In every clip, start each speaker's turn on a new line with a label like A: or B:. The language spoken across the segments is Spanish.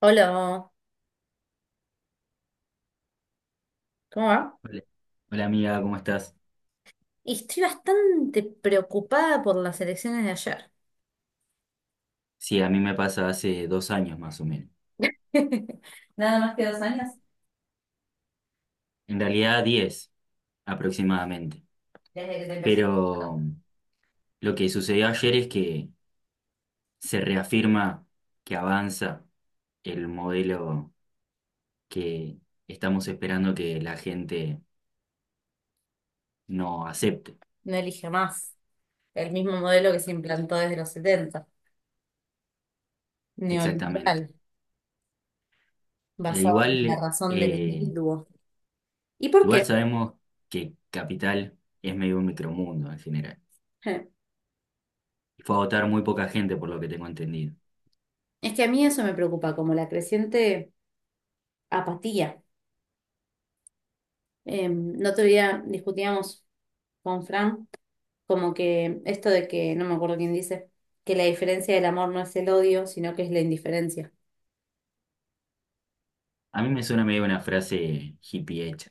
A: Hola, ¿cómo va?
B: Hola. Hola, amiga, ¿cómo estás?
A: Y estoy bastante preocupada por las elecciones de ayer.
B: Sí, a mí me pasa hace dos años más o menos.
A: Nada más que dos años
B: En realidad diez aproximadamente.
A: desde que te empecé a interesar.
B: Pero mm, lo que sucedió ayer es que se reafirma que avanza el modelo que estamos esperando que la gente no acepte.
A: No elige más. El mismo modelo que se implantó desde los setenta,
B: Exactamente.
A: neoliberal,
B: E
A: basado en la
B: igual,
A: razón del individuo. ¿Y por
B: igual
A: qué?
B: sabemos que Capital es medio un micromundo en general.
A: Eh,
B: Y fue a votar muy poca gente por lo que tengo entendido.
A: Es que a mí eso me preocupa, como la creciente apatía. No otro día discutíamos con Fran como que esto de que, no me acuerdo quién dice, que la diferencia del amor no es el odio, sino que es la indiferencia.
B: A mí me suena medio una frase hippie hecha,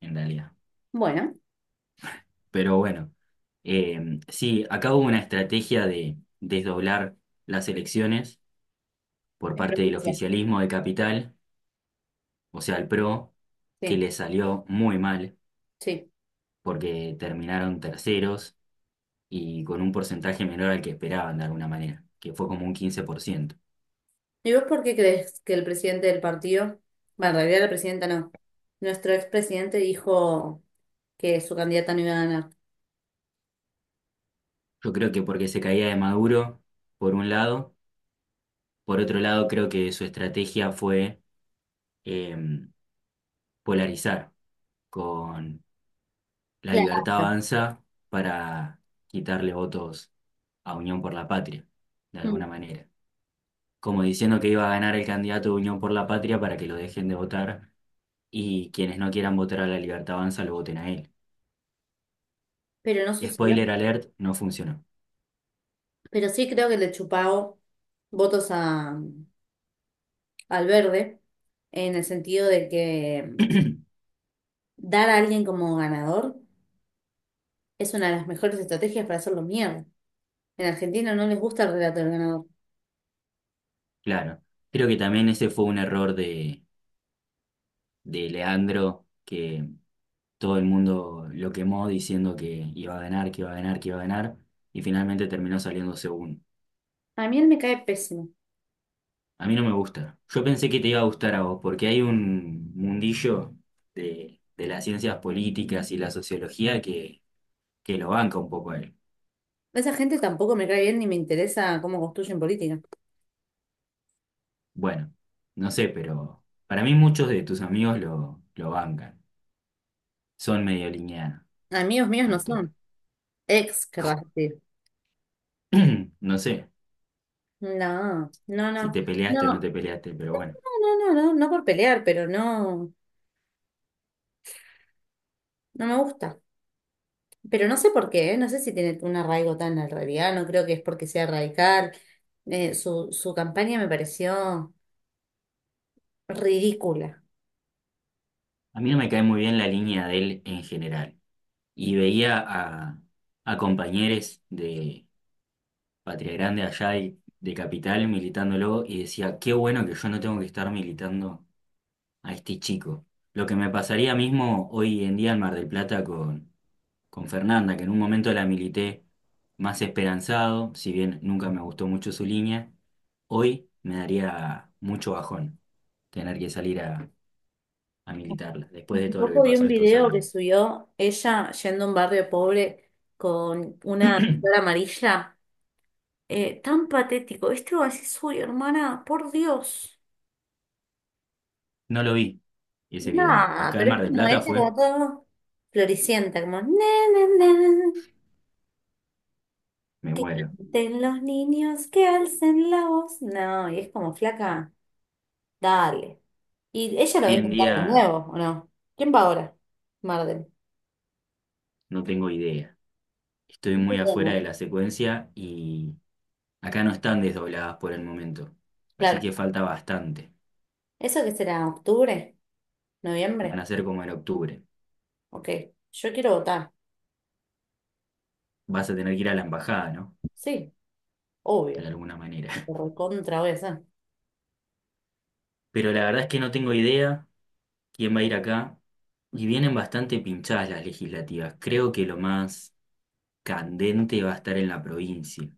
B: en realidad.
A: Bueno,
B: Pero bueno, sí, acá hubo una estrategia de desdoblar las elecciones por
A: en
B: parte del
A: provincia.
B: oficialismo de Capital, o sea, el PRO, que
A: Sí,
B: le salió muy mal
A: sí.
B: porque terminaron terceros y con un porcentaje menor al que esperaban de alguna manera, que fue como un 15%.
A: ¿Y vos por qué crees que el presidente del partido, bueno, en realidad la presidenta no, nuestro expresidente dijo que su candidata no iba a ganar?
B: Yo creo que porque se caía de Maduro, por un lado, por otro lado, creo que su estrategia fue em, polarizar con La Libertad
A: Claro.
B: Avanza para quitarle votos a Unión por la Patria, de alguna
A: Mm.
B: manera. Como diciendo que iba a ganar el candidato de Unión por la Patria para que lo dejen de votar y quienes no quieran votar a La Libertad Avanza lo voten a él.
A: Pero no sucedió.
B: Spoiler alert, no funcionó.
A: Pero sí creo que le chupao votos a, al verde, en el sentido de que dar a alguien como ganador. Es una de las mejores estrategias para hacerlo mierda. En Argentina no les gusta el relato del ganador.
B: Claro, creo que también ese fue un error de Leandro, que todo el mundo lo quemó diciendo que iba a ganar, que iba a ganar, que iba a ganar, y finalmente terminó saliendo segundo.
A: A mí él me cae pésimo.
B: A mí no me gusta. Yo pensé que te iba a gustar a vos, porque hay un mundillo de las ciencias políticas y la sociología que lo banca un poco a él.
A: Esa gente tampoco me cae bien ni me interesa cómo construyen política.
B: Bueno, no sé, pero para mí muchos de tus amigos lo bancan. Son medio lineanos,
A: Amigos míos no
B: tanto.
A: son. Ex,
B: Como...
A: querrás decir.
B: No sé
A: No, no,
B: si
A: no.
B: te peleaste o no
A: No,
B: te peleaste, pero bueno.
A: no, no, no, no, no por pelear, pero no, no me gusta. Pero no sé por qué, ¿eh? No sé si tiene un arraigo tan al no creo que es porque sea radical. Su campaña me pareció ridícula.
B: A mí no me cae muy bien la línea de él en general. Y veía a compañeros de Patria Grande allá y de Capital militándolo y decía, qué bueno que yo no tengo que estar militando a este chico. Lo que me pasaría mismo hoy en día en Mar del Plata con Fernanda, que en un momento la milité más esperanzado, si bien nunca me gustó mucho su línea, hoy me daría mucho bajón tener que salir a militarla, después de
A: Hace
B: todo lo que
A: poco vi un
B: pasó estos
A: video que
B: años.
A: subió ella yendo a un barrio pobre con una flor amarilla. Tan patético. Este va a decir, uy, hermana, por Dios.
B: No lo vi ese video.
A: Nada,
B: Acá en
A: pero es
B: Mar del
A: como
B: Plata
A: ella,
B: fue,
A: como todo floricienta, como, "Na, na, na,
B: me muero.
A: de los niños que alcen la voz. No, y es como flaca, dale. Y ella lo va
B: Hoy
A: a
B: en
A: intentar de
B: día
A: nuevo, ¿o no? ¿Quién va ahora? Marden.
B: no tengo idea. Estoy muy afuera de la secuencia y acá no están desdobladas por el momento. Así
A: Claro.
B: que falta bastante.
A: ¿Eso que será? ¿Octubre?
B: Van
A: ¿Noviembre?
B: a ser como en octubre.
A: Ok, yo quiero votar.
B: Vas a tener que ir a la embajada, ¿no?
A: Sí,
B: De
A: obvio.
B: alguna manera.
A: Lo recontra voy a hacer.
B: Pero la verdad es que no tengo idea quién va a ir acá. Y vienen bastante pinchadas las legislativas. Creo que lo más candente va a estar en la provincia,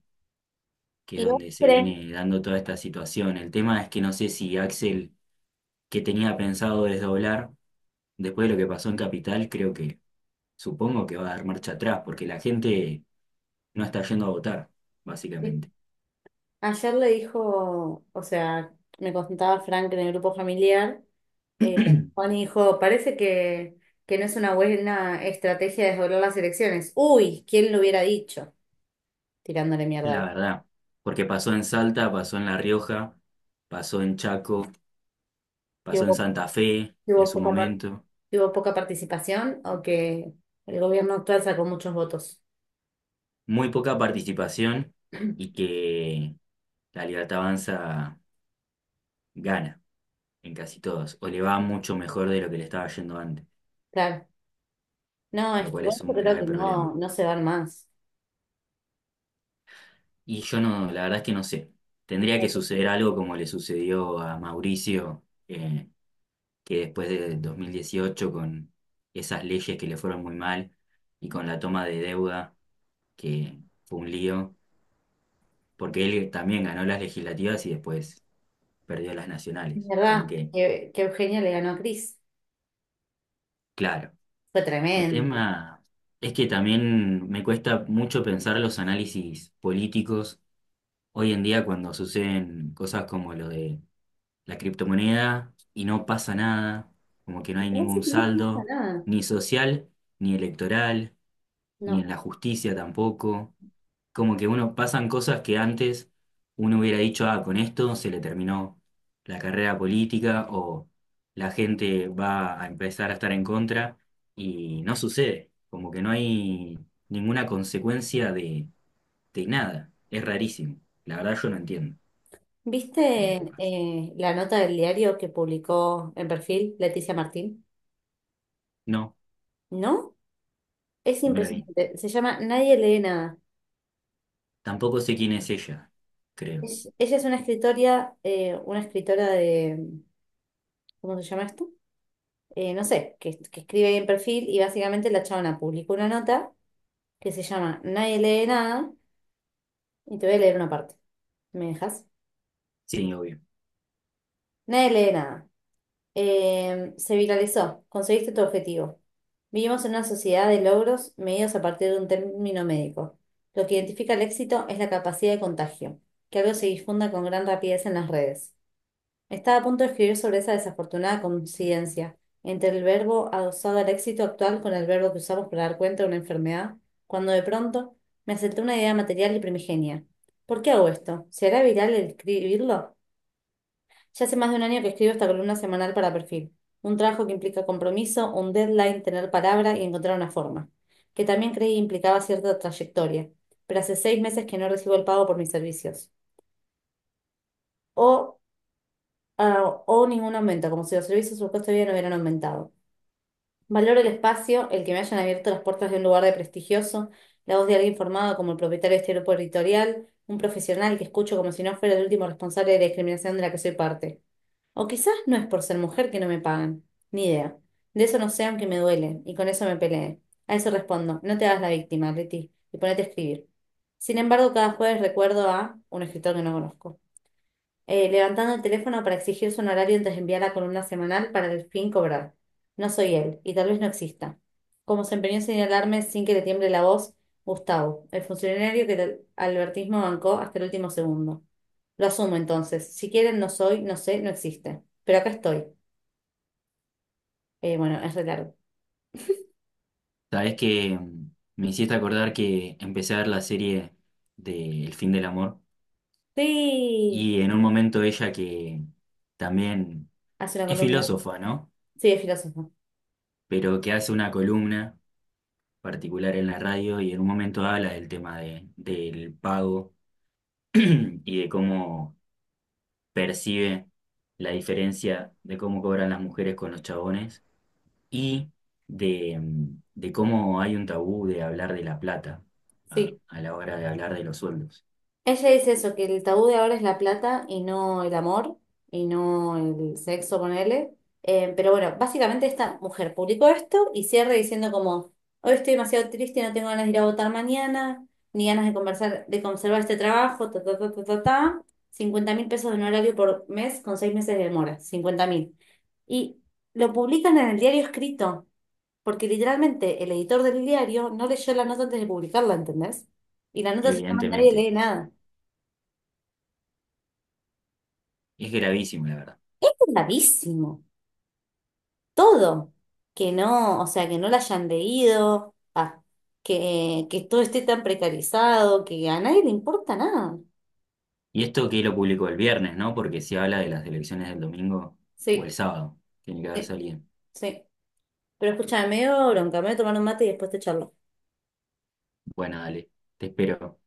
B: que es
A: ¿Y vos
B: donde se
A: crees?
B: viene dando toda esta situación. El tema es que no sé si Axel, que tenía pensado desdoblar, después de lo que pasó en Capital, creo que supongo que va a dar marcha atrás, porque la gente no está yendo a votar,
A: Que
B: básicamente.
A: ayer le dijo, o sea, me contaba Frank en el grupo familiar, eh, Juan dijo, parece que, no es una buena estrategia desdoblar las elecciones. Uy, ¿quién lo hubiera dicho? Tirándole
B: La
A: mierda.
B: verdad, porque pasó en Salta, pasó en La Rioja, pasó en Chaco,
A: ¿Que
B: pasó en
A: hubo,
B: Santa Fe
A: que
B: en
A: hubo
B: su
A: poca, par-
B: momento.
A: que hubo poca participación o que el gobierno actual sacó muchos votos?
B: Muy poca participación y que la Libertad Avanza gana en casi todos, o le va mucho mejor de lo que le estaba yendo antes,
A: Claro. No,
B: lo
A: es que
B: cual es
A: yo
B: un
A: creo
B: grave
A: que no,
B: problema.
A: no se van más.
B: Y yo no, la verdad es que no sé. Tendría que suceder algo como le sucedió a Mauricio, eh, que después de 2018, con esas leyes que le fueron muy mal y con la toma de deuda, que fue un lío, porque él también ganó las legislativas y después perdió las
A: Es
B: nacionales. Como
A: verdad
B: que,
A: que, Eugenia le ganó a Cris.
B: claro,
A: Fue
B: el
A: tremendo.
B: tema es que también me cuesta mucho pensar los análisis políticos hoy en día cuando suceden cosas como lo de la criptomoneda y no pasa nada, como que no
A: Me
B: hay
A: parece
B: ningún
A: que no pasa
B: saldo,
A: nada.
B: ni social, ni electoral ni
A: No.
B: en la justicia tampoco. Como que uno pasan cosas que antes uno hubiera dicho, ah, con esto se le terminó la carrera política o la gente va a empezar a estar en contra y no sucede, como que no hay ninguna consecuencia de nada. Es rarísimo. La verdad yo no entiendo bien qué
A: ¿Viste
B: pasa.
A: la nota del diario que publicó en perfil Leticia Martín?
B: No,
A: ¿No? Es
B: no la vi.
A: impresionante. Se llama Nadie lee nada.
B: Tampoco sé quién es ella, creo.
A: Ella es una escritora de, ¿cómo se llama esto? No sé, que escribe ahí en perfil y básicamente la chabona publicó una nota que se llama Nadie lee nada y te voy a leer una parte. ¿Me dejas?
B: Sí, obvio.
A: Nadie lee nada. Se viralizó. Conseguiste tu objetivo. Vivimos en una sociedad de logros medidos a partir de un término médico. Lo que identifica el éxito es la capacidad de contagio, que algo se difunda con gran rapidez en las redes. Estaba a punto de escribir sobre esa desafortunada coincidencia entre el verbo adosado al éxito actual con el verbo que usamos para dar cuenta de una enfermedad, cuando de pronto me asaltó una idea material y primigenia. ¿Por qué hago esto? ¿Será viral el escribirlo? Ya hace más de un año que escribo esta columna semanal para Perfil. Un trabajo que implica compromiso, un deadline, tener palabra y encontrar una forma, que también creí implicaba cierta trayectoria, pero hace seis meses que no recibo el pago por mis servicios. O, o ningún aumento, como si los servicios o el costo de vida no hubieran aumentado. Valoro el espacio, el que me hayan abierto las puertas de un lugar de prestigioso, la voz de alguien formado como el propietario de este grupo editorial, un profesional que escucho como si no fuera el último responsable de la discriminación de la que soy parte. O quizás no es por ser mujer que no me pagan. Ni idea. De eso no sé, aunque me duele, y con eso me peleé. A eso respondo, no te hagas la víctima, Leti, y ponete a escribir. Sin embargo, cada jueves recuerdo a un escritor que no conozco levantando el teléfono para exigirse un horario antes de enviar la columna semanal para el fin cobrar. No soy él, y tal vez no exista. Como se empeñó en señalarme sin que le tiemble la voz, Gustavo, el funcionario que el albertismo bancó hasta el último segundo. Lo asumo entonces. Si quieren, no soy, no sé, no existe. Pero acá estoy. Bueno, es re largo.
B: Sabes que me hiciste acordar que empecé a ver la serie de El fin del amor
A: Sí,
B: y en un momento ella que también
A: hace una
B: es
A: columna.
B: filósofa, ¿no?
A: Sí, es filósofo.
B: Pero que hace una columna particular en la radio y en un momento habla del tema de, del pago y de cómo percibe la diferencia de cómo cobran las mujeres con los chabones y de, de cómo hay un tabú de hablar de la plata a
A: Sí.
B: la hora de hablar de los sueldos.
A: Ella dice eso, que el tabú de ahora es la plata y no el amor y no el sexo, ponele. Pero bueno, básicamente esta mujer publicó esto y cierra diciendo como, hoy estoy demasiado triste, no tengo ganas de ir a votar mañana, ni ganas de conversar, de conservar este trabajo, ta, ta, ta, ta, ta, ta. 50 mil pesos de honorario por mes con seis meses de demora, 50 mil. Y lo publican en el diario escrito, porque literalmente el editor del diario no leyó la nota antes de publicarla, ¿entendés? Y la nota se llama Nadie
B: Evidentemente,
A: lee nada.
B: es gravísimo, la verdad.
A: Gravísimo, todo, que no, o sea, que no la hayan leído, ah, que todo esté tan precarizado, que a nadie le importa nada.
B: Y esto que lo publicó el viernes, ¿no? Porque si habla de las elecciones del domingo o el
A: Sí,
B: sábado, tiene que haber
A: sí,
B: salido.
A: sí. Pero escúchame, medio bronca, me voy a tomar un mate y después te charlo.
B: Bueno, dale, te espero.